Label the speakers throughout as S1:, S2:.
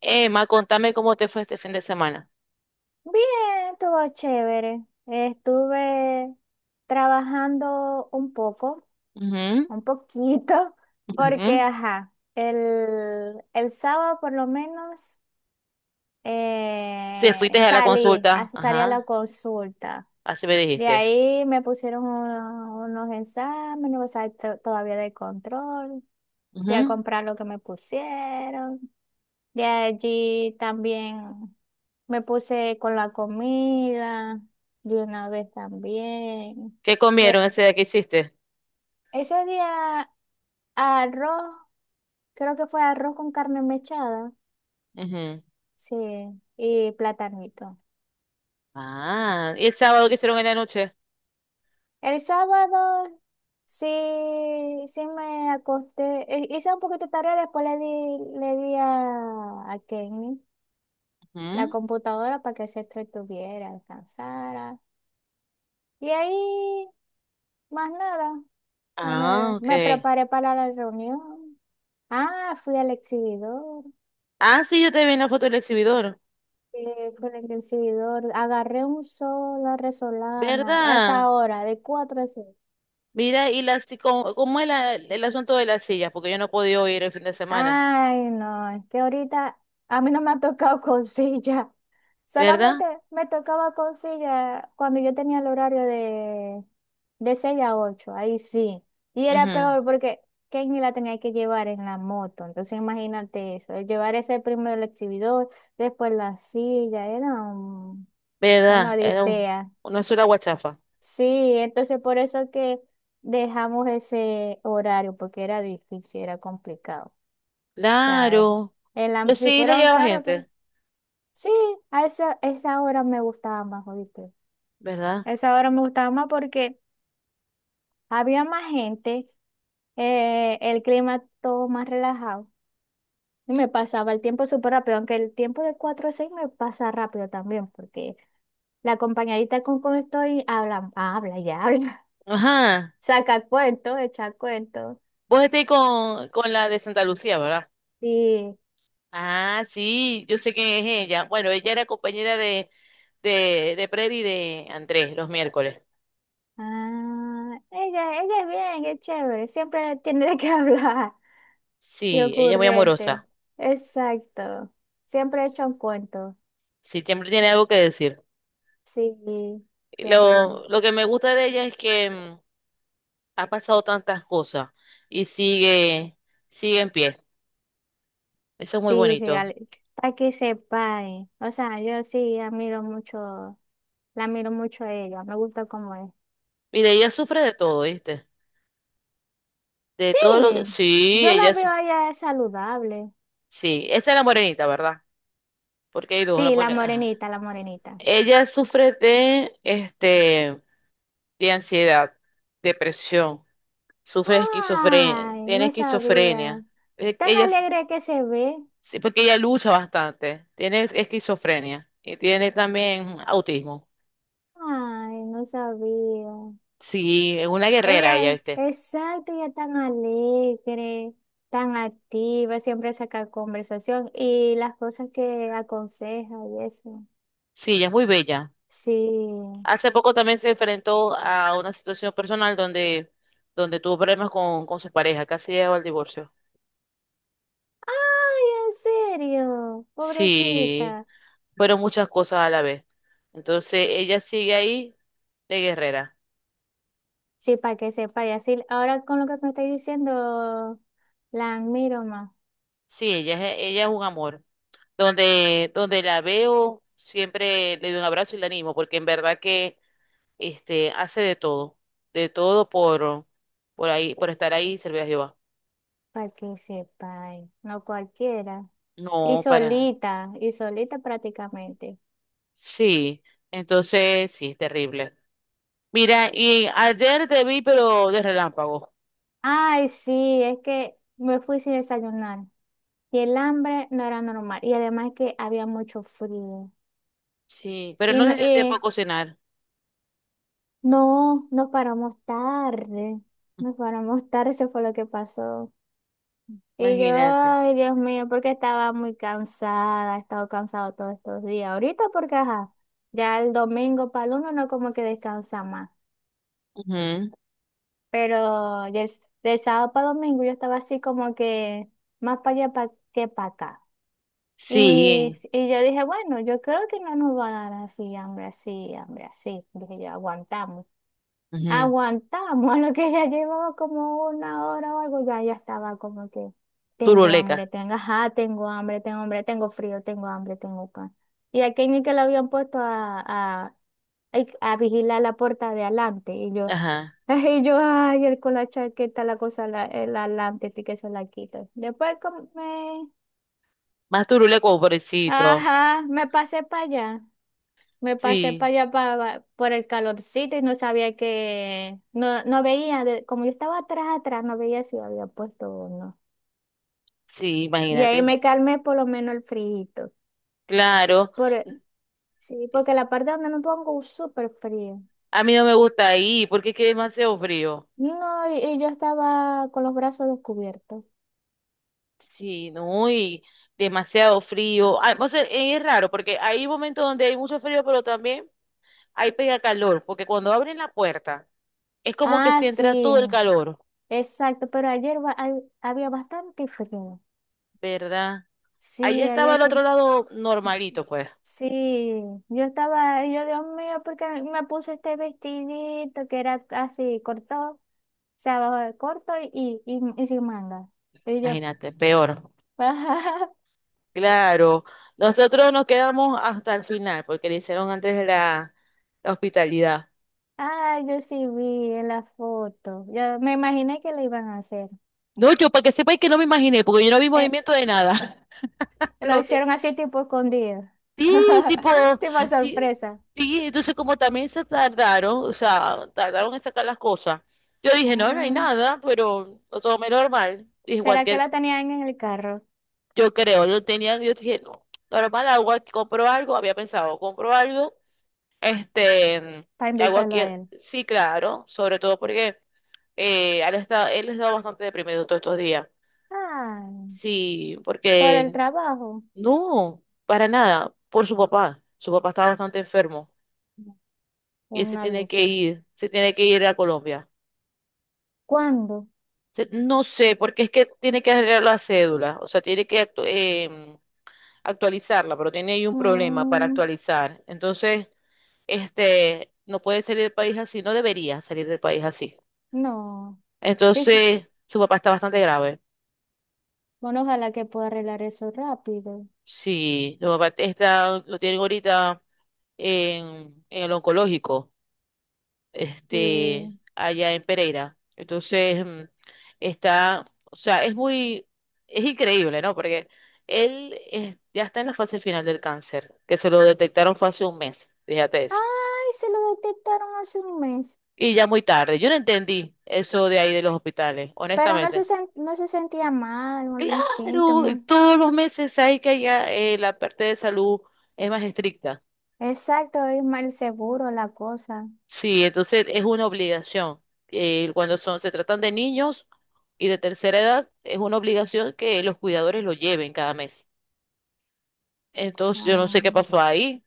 S1: Emma, contame cómo te fue este fin de semana.
S2: Bien, todo chévere. Estuve trabajando un poco,
S1: Ujú,
S2: un poquito, porque,
S1: ujú.
S2: ajá, el sábado por lo menos
S1: Si fuiste a la consulta,
S2: salí a la
S1: ajá,
S2: consulta.
S1: así me
S2: De
S1: dijiste.
S2: ahí me pusieron unos exámenes, o sea, todavía de control. Fui a
S1: Ujú.
S2: comprar lo que me pusieron. De allí también me puse con la comida, de una vez también.
S1: ¿Qué
S2: Le-
S1: comieron ese día que hiciste?
S2: Ese día arroz, creo que fue arroz con carne mechada,
S1: Ujú.
S2: sí, y platanito.
S1: Ah, ¿y el sábado que hicieron en la noche?
S2: El sábado sí, sí me acosté, hice un poquito de tarea, después le di a Kenny la
S1: Ujú.
S2: computadora para que se entretuviera, descansara. Y ahí más nada. O sea,
S1: Ah, ok.
S2: me preparé para la reunión. Ah, fui al exhibidor.
S1: Ah, sí, yo te vi en la foto del exhibidor,
S2: Fui al exhibidor. Agarré un sol a Resolana a
S1: ¿verdad?
S2: esa hora, de 4 a 6.
S1: Mira, y la, si- cómo, cómo es el asunto de las sillas, porque yo no he podido ir el fin de semana,
S2: Ay, no, es que ahorita a mí no me ha tocado con silla. Solamente
S1: ¿verdad?
S2: me tocaba consigue cuando yo tenía el horario de 6 a 8 ahí sí. Y era
S1: Ujú.
S2: peor porque Kenny la tenía que llevar en la moto. Entonces imagínate eso, llevar ese primero el exhibidor, después la silla, una
S1: ¿Verdad? Era un-
S2: odisea.
S1: una sola guachafa.
S2: Sí, entonces por eso que dejamos ese horario, porque era difícil, era complicado. O sea,
S1: Claro, pero
S2: si
S1: sí le
S2: fuera un
S1: llegaba
S2: carro, pero
S1: gente.
S2: sí, a esa hora me gustaba más, ¿oíste?
S1: ¿Verdad?
S2: Esa hora me gustaba más porque había más gente, el clima todo más relajado. Y me pasaba el tiempo súper rápido, aunque el tiempo de 4 a 6 me pasa rápido también, porque la compañerita con estoy habla, habla y habla,
S1: Ajá.
S2: saca cuentos, echa cuentos.
S1: Vos estés con la de Santa Lucía, ¿verdad?
S2: Sí,
S1: Ah, sí, yo sé quién es ella. Bueno, ella era compañera de Freddy y de Andrés los miércoles.
S2: ah, ella es bien, es chévere, siempre tiene de qué hablar y
S1: Sí, ella es muy
S2: ocurrente.
S1: amorosa.
S2: Exacto, siempre echa un cuento.
S1: Sí, siempre tiene algo que decir.
S2: Sí, siempre tiene.
S1: Lo que me gusta de ella es que ha pasado tantas cosas y sigue, sigue en pie. Eso es muy
S2: Sí, sí,
S1: bonito.
S2: Para que se pare. O sea, yo sí admiro mucho, la admiro mucho a ella, me gusta cómo es.
S1: Mire, ella sufre de todo, ¿viste? De
S2: Sí,
S1: todo lo que... Sí,
S2: yo la
S1: ella... su-
S2: veo a ella saludable.
S1: Sí, esa es la morenita, ¿verdad? Porque hay dos, la
S2: Sí, la
S1: morenita.
S2: morenita, la morenita.
S1: Ella sufre de, este, de ansiedad, depresión, sufre de esquizofrenia,
S2: Ay,
S1: tiene
S2: no sabía.
S1: esquizofrenia.
S2: Tan
S1: Ella, s-
S2: alegre que se ve.
S1: sí, porque ella lucha bastante, tiene esquizofrenia y tiene también autismo.
S2: Ay, no sabía.
S1: Sí, es una guerrera
S2: Ella,
S1: ella, ¿viste?
S2: exacto, ella es tan alegre, tan activa, siempre saca conversación y las cosas que aconseja y eso.
S1: Sí, ella es muy bella.
S2: Sí.
S1: Hace poco también se enfrentó a una situación personal donde, donde tuvo problemas con su pareja, casi llegó al divorcio.
S2: Ay, en serio,
S1: Sí,
S2: pobrecita.
S1: fueron muchas cosas a la vez. Entonces ella sigue ahí de guerrera.
S2: Sí, para que sepa, y así, ahora con lo que me estáis diciendo, la admiro más,
S1: Sí, ella es un amor. Donde, donde la veo, siempre le doy un abrazo y la animo, porque en verdad que este, hace de todo por ahí, por estar ahí y servir a Jehová.
S2: para que sepa, no cualquiera.
S1: No, para nada.
S2: Y solita prácticamente.
S1: Sí, entonces sí, es terrible. Mira, y ayer te vi, pero de relámpago.
S2: Ay, sí, es que me fui sin desayunar. Y el hambre no era normal. Y además que había mucho frío.
S1: Sí, pero
S2: Y,
S1: no
S2: no-
S1: les dio tiempo a
S2: y
S1: cocinar.
S2: no, nos paramos tarde. Nos paramos tarde, eso fue lo que pasó. Y yo,
S1: Imagínate.
S2: ay, Dios mío, porque estaba muy cansada, he estado cansado todos estos días. Ahorita porque, ajá, ya el domingo para el uno no como que descansa más.
S1: Ujú.
S2: Pero del sábado para domingo yo estaba así como que más para allá que para acá. Y,
S1: Sí,
S2: y yo dije, bueno, yo creo que no nos va a dar así, hambre, así, hambre, así. Dije yo, aguantamos.
S1: ujú.
S2: Aguantamos, a lo que ya llevaba como una hora o algo, ya, ya estaba como que tengo hambre,
S1: Turuleca.
S2: tengo, ajá, tengo hambre, tengo hambre, tengo frío, tengo hambre, tengo pan. Y a Kenny que lo habían puesto ay, a vigilar la puerta de adelante. Y yo,
S1: Ajá.
S2: y yo, ay, él con la chaqueta, la cosa, la, el adelante, que se la quita. Después
S1: Más turuleco, pobrecito.
S2: ajá, me pasé para allá. Me pasé
S1: Sí,
S2: para allá para, por el calorcito y no sabía que, no, no veía, como yo estaba atrás, atrás, no veía si había puesto o no.
S1: sí,
S2: Y
S1: imagínate.
S2: ahí
S1: No.
S2: me calmé por lo menos el frío.
S1: Claro,
S2: Por, sí, porque la parte donde no pongo es súper frío.
S1: a mí no me gusta ahí porque es que es demasiado frío.
S2: No, y yo estaba con los brazos descubiertos.
S1: Sí, no, y demasiado frío. Ah, o sea, es raro porque hay momentos donde hay mucho frío, pero también hay pega calor, porque cuando abren la puerta es como que
S2: Ah,
S1: se entra
S2: sí,
S1: todo el calor,
S2: exacto, pero había bastante frío.
S1: ¿verdad? Allá
S2: Sí,
S1: estaba
S2: ayer
S1: el otro lado normalito, pues,
S2: sí, yo estaba, ahí, yo Dios mío, porque me puse este vestidito que era así corto, o sea, abajo corto y sin manga. Y yo,
S1: imagínate, peor. Claro, nosotros nos quedamos hasta el final porque le hicieron antes la hospitalidad.
S2: ah, yo sí vi en la foto. Yo me imaginé que lo iban a hacer.
S1: No, yo para que sepáis que no me imaginé, porque yo no vi
S2: Eh,
S1: movimiento de nada.
S2: lo
S1: No, te-
S2: hicieron así tipo escondido,
S1: sí, tipo,
S2: tipo
S1: ti-
S2: sorpresa.
S1: sí, entonces como también se tardaron, o sea, tardaron en sacar las cosas. Yo dije, no, no hay
S2: Ah,
S1: nada, pero lo tomé normal. Dije,
S2: ¿será que
S1: cualquier,
S2: la tenían en el carro
S1: yo creo, yo tenía, yo dije, no, normal, hago aquí, compro algo, había pensado, compro algo, este,
S2: para
S1: hago
S2: invitarlo
S1: aquí,
S2: a él?
S1: sí, claro, sobre todo porque él está bastante deprimido todos estos días.
S2: Ah,
S1: Sí,
S2: por el
S1: porque
S2: trabajo,
S1: no, para nada, por su papá. Su papá está bastante enfermo y él se
S2: una
S1: tiene que
S2: lucha.
S1: ir, se tiene que ir a Colombia.
S2: ¿Cuándo?
S1: Se- no sé, porque es que tiene que arreglar la cédula, o sea, tiene que actualizarla, pero tiene ahí un problema para
S2: Mm,
S1: actualizar. Entonces, este, no puede salir del país así, no debería salir del país así.
S2: no. Sí, sí.
S1: Entonces, su papá está bastante grave.
S2: Bueno, ojalá que pueda arreglar eso rápido.
S1: Sí, su papá está, lo tienen ahorita en el oncológico, este,
S2: Sí.
S1: allá en Pereira. Entonces, está, o sea, es muy, es increíble, ¿no? Porque él ya está en la fase final del cáncer, que se lo detectaron fue hace un mes, fíjate eso.
S2: Ay, se lo detectaron hace 1 mes.
S1: Y ya muy tarde, yo no entendí eso de ahí de los hospitales,
S2: Pero
S1: honestamente.
S2: no se sentía mal o algún
S1: Claro,
S2: síntoma.
S1: todos los meses hay que allá la parte de salud es más estricta.
S2: Exacto, es mal seguro la cosa.
S1: Sí, entonces es una obligación. Cuando son, se tratan de niños y de tercera edad, es una obligación que los cuidadores lo lleven cada mes. Entonces yo no sé qué
S2: Ah,
S1: pasó ahí,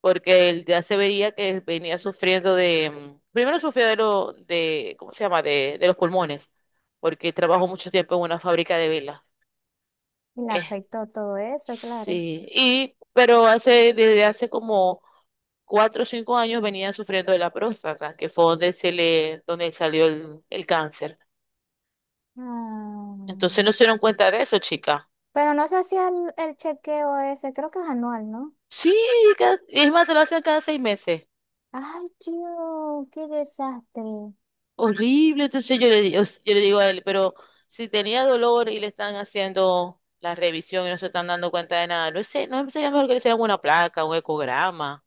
S1: porque él ya se veía que venía sufriendo de, primero sufrió de lo, de, ¿cómo se llama? De los pulmones, porque trabajó mucho tiempo en una fábrica de velas.
S2: y le afectó todo eso, claro.
S1: Sí, y, pero hace, desde hace como 4 o 5 años venía sufriendo de la próstata, que fue donde se le, donde salió el cáncer. Entonces no
S2: Ah,
S1: se dieron cuenta de eso, chica.
S2: pero no se hacía el chequeo ese, creo que es anual, ¿no?
S1: Sí, cada- es más, se lo hacen cada 6 meses.
S2: Ay, tío, qué desastre.
S1: Horrible. Entonces yo le, di- yo le digo a él, pero si tenía dolor y le están haciendo la revisión y no se están dando cuenta de nada, no sé, no sería mejor que le hicieran una placa, un ecograma.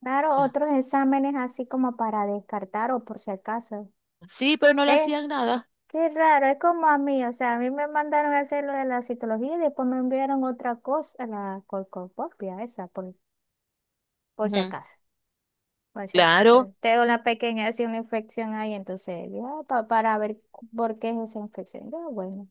S2: Claro,
S1: Ya.
S2: otros exámenes así como para descartar o por si acaso.
S1: Sí, pero no le
S2: Eh,
S1: hacían nada.
S2: qué raro, es como a mí, o sea, a mí me mandaron a hacer lo de la citología y después me enviaron otra cosa, la colcopopia, esa, por si
S1: Ujú.
S2: acaso, por si acaso.
S1: Claro.
S2: Tengo una pequeña, así una infección ahí, entonces, ya, para ver por qué es esa infección. Yo, bueno,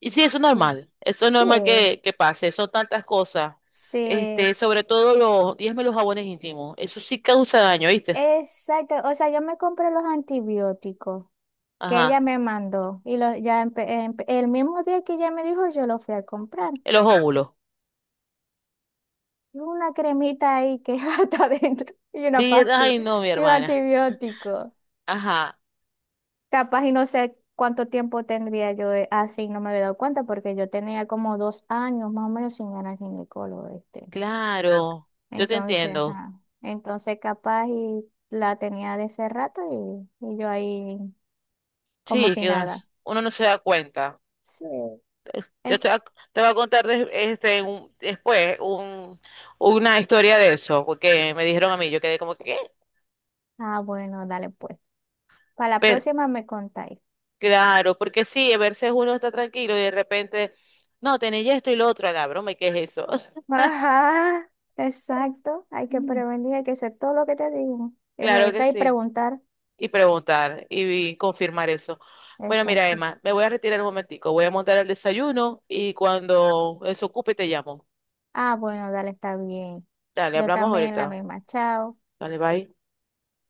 S1: Y sí,
S2: no.
S1: eso es
S2: Sí,
S1: normal que pase, son tantas cosas,
S2: sí,
S1: este, sobre todo los, dígame los jabones íntimos, eso sí causa daño, ¿viste?
S2: exacto, o sea, yo me compré los antibióticos que ella
S1: Ajá,
S2: me mandó. Y lo, ya el mismo día que ella me dijo, yo lo fui a comprar.
S1: en los óvulos.
S2: Y una cremita ahí que está adentro y una
S1: Vi- Ay,
S2: pastilla
S1: no, mi
S2: y un
S1: hermana.
S2: antibiótico.
S1: Ajá,
S2: Capaz y no sé cuánto tiempo tendría yo así, no me había dado cuenta porque yo tenía como 2 años más o menos sin ganar ginecólogo este.
S1: claro, yo te
S2: Entonces,
S1: entiendo.
S2: ajá. Entonces capaz y la tenía de ese rato y yo ahí como
S1: Sí,
S2: si
S1: que uno,
S2: nada.
S1: uno no se da cuenta.
S2: Sí.
S1: Yo te,
S2: En-
S1: va- te voy a contar des- este, un- después un, una historia de eso, porque me dijeron a mí, yo quedé como que,
S2: ah, bueno, dale pues. Para la
S1: ¿qué?
S2: próxima me contáis.
S1: Claro, porque sí, a veces uno está tranquilo y de repente, no, tenéis esto y lo otro, a la broma, ¿y qué es eso?
S2: Ajá, exacto. Hay que
S1: Mm.
S2: prevenir, hay que hacer todo lo que te digo. Y
S1: Claro que
S2: revisar y
S1: sí.
S2: preguntar.
S1: Y preguntar y confirmar eso. Bueno, mira,
S2: Exacto.
S1: Emma, me voy a retirar un momentico, voy a montar el desayuno y cuando eso ocupe te llamo.
S2: Ah, bueno, dale, está bien.
S1: Dale,
S2: Yo
S1: hablamos
S2: también la
S1: ahorita.
S2: misma. Chao.
S1: Dale, bye.